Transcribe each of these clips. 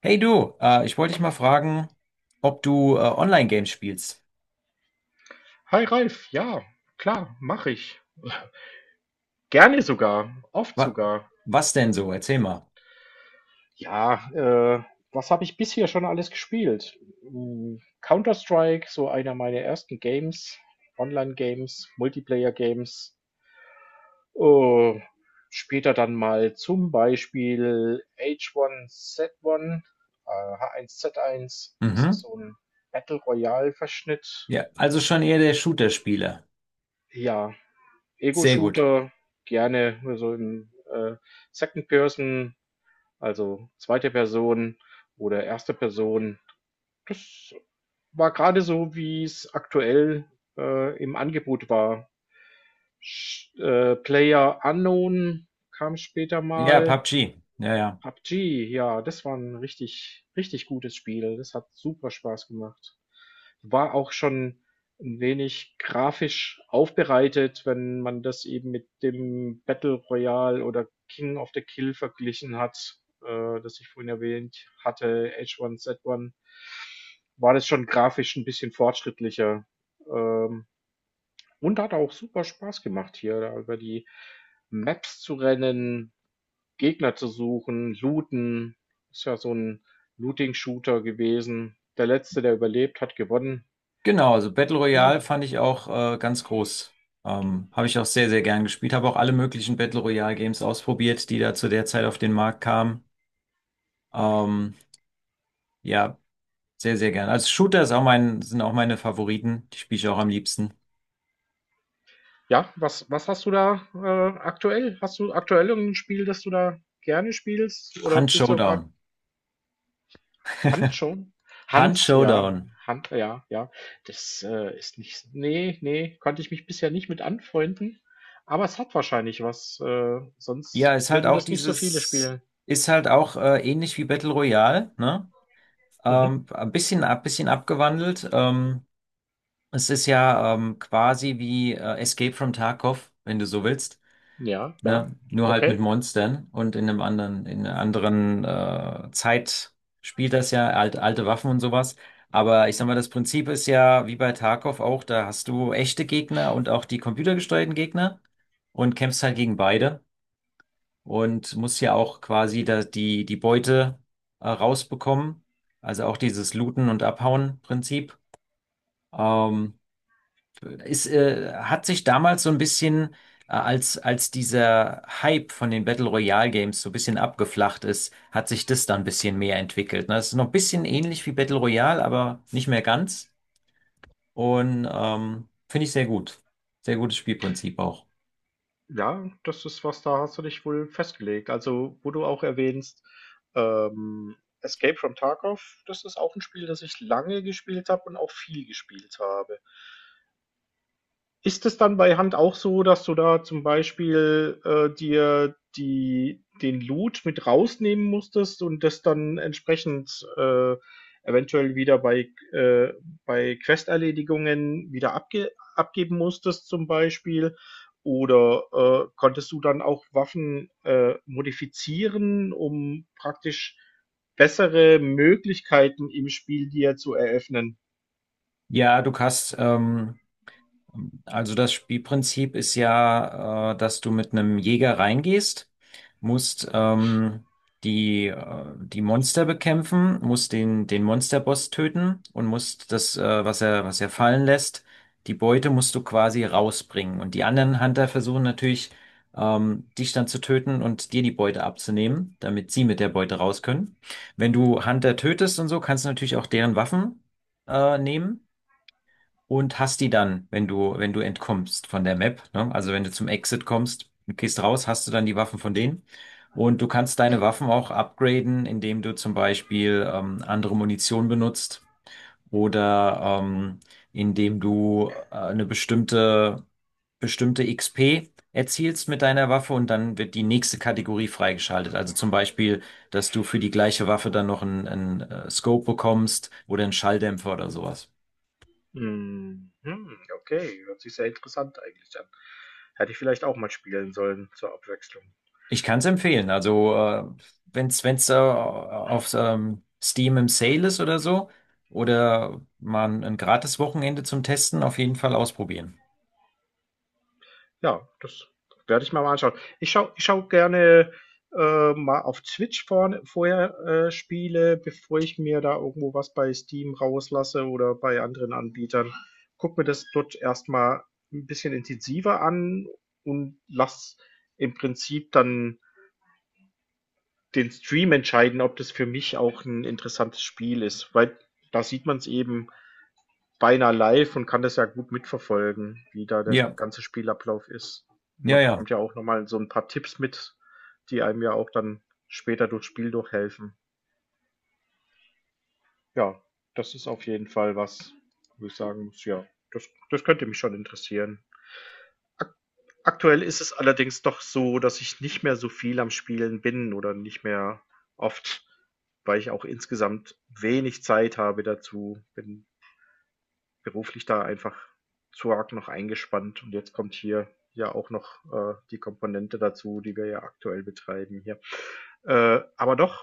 Hey du, ich wollte dich mal fragen, ob du Online-Games spielst. Hi Ralf, ja, klar, mache ich. Gerne sogar, oft Wa sogar. Was denn so? Erzähl mal. Ja, was habe ich bisher schon alles gespielt? Counter-Strike, so einer meiner ersten Games, Online-Games, Multiplayer-Games. Äh, Später dann mal zum Beispiel H1Z1, H1Z1, das Mhm. ist so ein Battle Royale-Verschnitt. Ja, also schon eher der Shooter-Spieler. Ja, Sehr gut. Ego-Shooter, gerne, also im Second Person. Also zweite Person oder erste Person. War gerade so, wie es aktuell, im Angebot war. Sch PlayerUnknown kam später Ja, mal. PUBG. Ja, ja. PUBG, ja, das war ein richtig richtig gutes Spiel. Das hat super Spaß gemacht. War auch schon ein wenig grafisch aufbereitet, wenn man das eben mit dem Battle Royale oder King of the Kill verglichen hat, das ich vorhin erwähnt hatte, H1Z1, war das schon grafisch ein bisschen fortschrittlicher. Ähm, und hat auch super Spaß gemacht, hier da über die Maps zu rennen, Gegner zu suchen, looten. Ist ja so ein Looting-Shooter gewesen. Der Letzte, der überlebt, hat gewonnen. Genau, also Battle Royale Ja. fand ich auch ganz groß. Habe ich auch sehr, sehr gern gespielt. Habe auch alle möglichen Battle Royale-Games ausprobiert, die da zu der Zeit auf den Markt kamen. Ähm, ja, sehr, sehr gern. Also Shooter ist auch sind auch meine Favoriten. Die spiele ich auch am liebsten. Ja, was hast du da, aktuell? Hast du aktuell irgend Spiel, das du da gerne spielst, oder Hunt bist du gerade. Showdown. Hand schon? Hunt Hans, ja. Showdown. Hand, ja, ja. Das, ist nicht, nee, nee, konnte ich mich bisher nicht mit anfreunden, aber es hat wahrscheinlich was, Ja, sonst ist halt würden auch das nicht so viele spielen. ist halt auch ähnlich wie Battle Royale, ne? Mhm. Ähm, ein bisschen abgewandelt. Es ist ja quasi wie Escape from Tarkov, wenn du so willst, Ja, ja. ne? Nur halt mit Okay. Monstern und in einem in einer anderen Zeit spielt das ja, alte Waffen und sowas. Aber ich sag mal, Mhm. das Prinzip ist ja wie bei Tarkov auch, da hast du echte Gegner und auch die computergesteuerten Gegner und kämpfst halt gegen beide und muss ja auch quasi da die Beute rausbekommen. Also auch dieses Looten- und Abhauen-Prinzip. Ähm, hat sich damals so ein bisschen, als dieser Hype von den Battle Royale Games so ein bisschen abgeflacht ist, hat sich das dann ein bisschen mehr entwickelt. Ne? Das ist noch ein bisschen ähnlich wie Battle Royale, aber nicht mehr ganz. Und finde ich sehr gut. Sehr gutes Spielprinzip auch. Ja, das ist was, da hast du dich wohl festgelegt. Also, wo du auch erwähnst, Escape from Tarkov, das ist auch ein Spiel, das ich lange gespielt habe und auch viel gespielt habe. Ist es dann bei Hand auch so, dass du da zum Beispiel, dir die den Loot mit rausnehmen musstest und das dann entsprechend, eventuell wieder bei, bei Questerledigungen wieder abgeben musstest zum Beispiel? Oder, konntest du dann auch Waffen, modifizieren, um praktisch bessere Möglichkeiten im Spiel dir zu eröffnen? Ja, du hast also das Spielprinzip ist ja, dass du mit einem Jäger reingehst, musst die Monster bekämpfen, musst den Monsterboss töten und musst das, was er fallen lässt, die Beute musst du quasi rausbringen. Und die anderen Hunter versuchen natürlich, dich dann zu töten und dir die Beute abzunehmen, damit sie mit der Beute raus können. Wenn du Hunter tötest und so, kannst du natürlich auch deren Waffen nehmen und hast die dann, wenn du entkommst von der Map, ne? Also wenn du zum Exit kommst, du gehst raus, hast du dann die Waffen von denen. Und du kannst deine Waffen auch upgraden, indem du zum Beispiel andere Munition benutzt oder indem du eine bestimmte XP erzielst mit deiner Waffe und dann wird die nächste Kategorie freigeschaltet. Also zum Beispiel, dass du für die gleiche Waffe dann noch einen Scope bekommst oder einen Schalldämpfer oder sowas. Mhm, okay, hört sich sehr interessant eigentlich an. Hätte ich vielleicht auch mal spielen sollen zur Abwechslung. Ich kann es empfehlen. Also, wenn es wenn's, wenn's, auf Steam im Sale ist oder so, oder man ein gratis Wochenende zum Testen, auf jeden Fall ausprobieren. Ja, das werde ich mir mal anschauen. Ich schau gerne mal auf Twitch vorher Spiele, bevor ich mir da irgendwo was bei Steam rauslasse oder bei anderen Anbietern. Guck mir das dort erstmal ein bisschen intensiver an und lass im Prinzip dann den Stream entscheiden, ob das für mich auch ein interessantes Spiel ist, weil da sieht man es eben beinahe live und kann das ja gut mitverfolgen, wie da der Ja, ganze Spielablauf ist. ja, Man ja. bekommt ja auch nochmal so ein paar Tipps mit, die einem ja auch dann später durchs Spiel durchhelfen. Ja, das ist auf jeden Fall was, wo ich sagen muss, ja, das könnte mich schon interessieren. Aktuell ist es allerdings doch so, dass ich nicht mehr so viel am Spielen bin oder nicht mehr oft, weil ich auch insgesamt wenig Zeit habe dazu. Bin beruflich da einfach zu arg noch eingespannt, und jetzt kommt hier ja auch noch die Komponente dazu, die wir ja aktuell betreiben hier. Aber doch,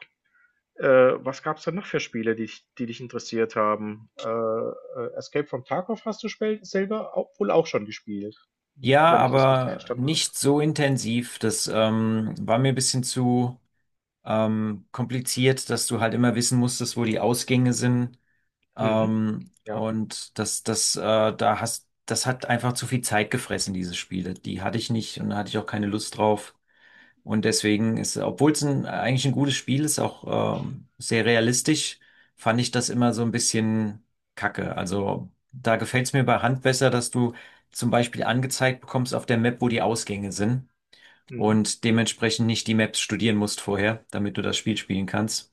was gab es denn noch für Spiele, die dich interessiert haben? Escape from Tarkov hast du selber auch, wohl auch schon gespielt, Ja, wenn ich das richtig aber verstanden habe. nicht so intensiv. Das war mir ein bisschen zu kompliziert, dass du halt immer wissen musstest, wo die Ausgänge sind. Mhm. Ähm, Ja, und das, das, äh, das hat einfach zu viel Zeit gefressen, diese Spiele. Die hatte ich nicht und da hatte ich auch keine Lust drauf. Und deswegen ist, obwohl es eigentlich ein gutes Spiel ist, auch sehr realistisch, fand ich das immer so ein bisschen kacke. Also da gefällt es mir bei Hand besser, dass du zum Beispiel angezeigt bekommst auf der Map, wo die Ausgänge sind mhm. und dementsprechend nicht die Maps studieren musst vorher, damit du das Spiel spielen kannst.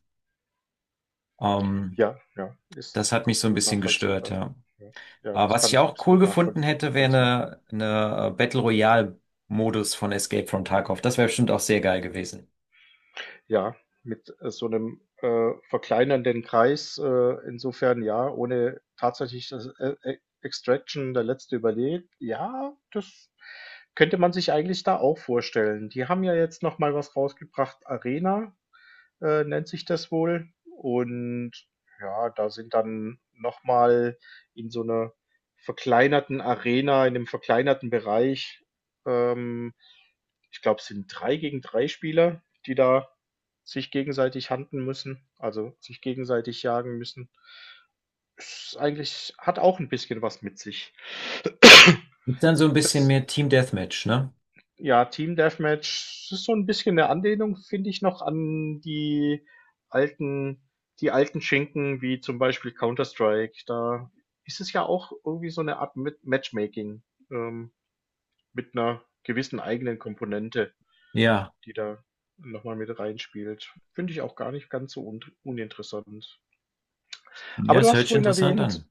Ähm, Ja, ja, ist das hat mich so ein absolut bisschen gestört, nachvollziehbar. ja. Ja, ja, Aber das was kann ich ich auch cool absolut gefunden nachvollziehen. hätte, wäre eine Battle Royale Modus von Escape from Tarkov. Das wäre bestimmt auch sehr geil gewesen. Ja, mit, so einem verkleinernden Kreis, insofern ja, ohne tatsächlich das, E Extraction, der Letzte überlebt. Ja, das könnte man sich eigentlich da auch vorstellen. Die haben ja jetzt noch mal was rausgebracht, Arena, nennt sich das wohl. Und ja, da sind dann nochmal in so 'ner verkleinerten Arena, in 'nem verkleinerten Bereich, ähm ich glaube, es sind 3 gegen 3 Spieler, die da sich gegenseitig hunten müssen, also sich gegenseitig jagen müssen. Ist eigentlich, hat auch ein bisschen was mit sich. Ist dann so ein bisschen Das, mehr Team Deathmatch, ne? ja, Team Deathmatch ist so ein bisschen eine Anlehnung, finde ich noch, an alten die alten Schinken wie zum Beispiel Counter-Strike. Da ist es ja auch irgendwie so eine Art mit Matchmaking, ähm, mit einer gewissen eigenen Komponente, Ja. die da nochmal mit reinspielt. Finde ich auch gar nicht ganz so un uninteressant. Ja, Aber du es hast hört sich vorhin, okay, interessant erwähnt. an.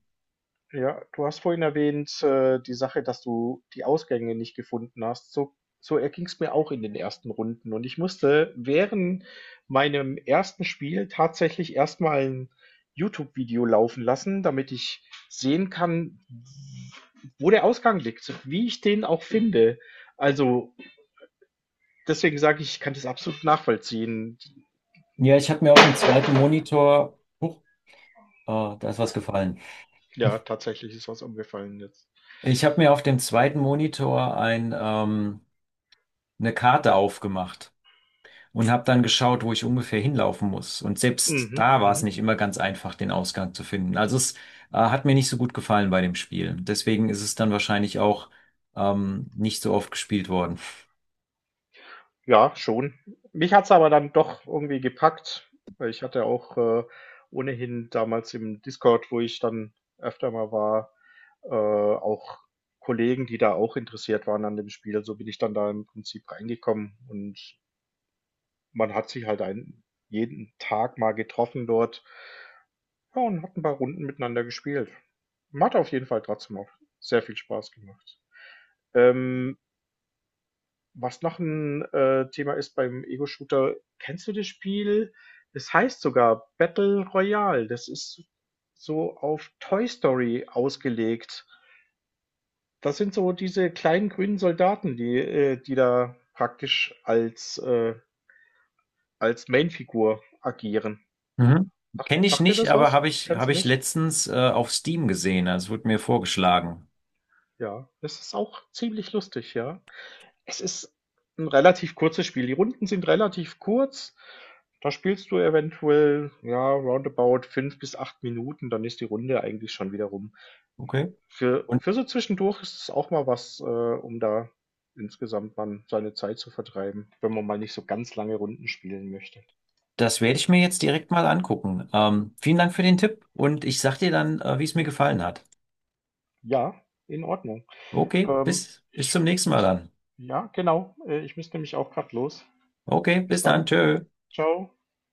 Ja, du hast vorhin erwähnt, die Sache, dass du die Ausgänge nicht gefunden hast. So erging es mir auch in den ersten Runden. Und ich musste während meinem ersten Spiel tatsächlich erstmal ein YouTube-Video laufen lassen, damit ich sehen kann, wo der Ausgang liegt, wie ich den auch finde. Also deswegen sage ich, ich kann das absolut nachvollziehen. Ja, ich habe mir auf dem zweiten Monitor, huch, ah, da ist was gefallen. Ja, tatsächlich ist was umgefallen jetzt. Ich habe mir auf dem zweiten Monitor eine Karte aufgemacht und habe dann geschaut, wo ich ungefähr hinlaufen muss. Und selbst Mhm, da war es mhm. nicht immer ganz einfach, den Ausgang zu finden. Hat mir nicht so gut gefallen bei dem Spiel. Deswegen ist es dann wahrscheinlich auch, nicht so oft gespielt worden. Ja, schon. Mich hat's aber dann doch irgendwie gepackt, weil ich hatte auch, ohnehin damals im Discord, wo ich dann öfter mal war, auch Kollegen, die da auch interessiert waren an dem Spiel. So bin ich dann da im Prinzip reingekommen, und man hat sich halt ein jeden Tag mal getroffen dort, ja, und hat ein paar Runden miteinander gespielt. Hat auf jeden Fall trotzdem auch sehr viel Spaß gemacht. Ähm Was noch ein Thema ist beim Ego-Shooter, kennst du das Spiel? Es heißt sogar Battle Royale. Das ist so auf Toy Story ausgelegt. Das sind so diese kleinen grünen Soldaten, die die da praktisch als Mainfigur agieren. Mhm. Sagt Kenne ich sagt dir nicht, das aber was? Kennst habe du ich nicht? letztens auf Steam gesehen. Also es wurde mir vorgeschlagen. Ja, das ist auch ziemlich lustig, ja. Es ist ein relativ kurzes Spiel. Die Runden sind relativ kurz. Da spielst du eventuell, ja, roundabout 5 bis 8 Minuten, dann ist die Runde eigentlich schon wieder rum. Okay. Für Und für so zwischendurch ist es auch mal was, um da insgesamt dann seine Zeit zu vertreiben, wenn man mal nicht so ganz lange Runden spielen möchte. das werde ich mir jetzt direkt mal angucken. Vielen Dank für den Tipp und ich sag dir dann, wie es mir gefallen hat. Ja, in Ordnung. Okay, Ähm, bis zum ich nächsten Mal müsste dann. Ja, genau, ich müsste nämlich auch grad los. Okay, Bis bis dann. dann. Tschö. Ciao.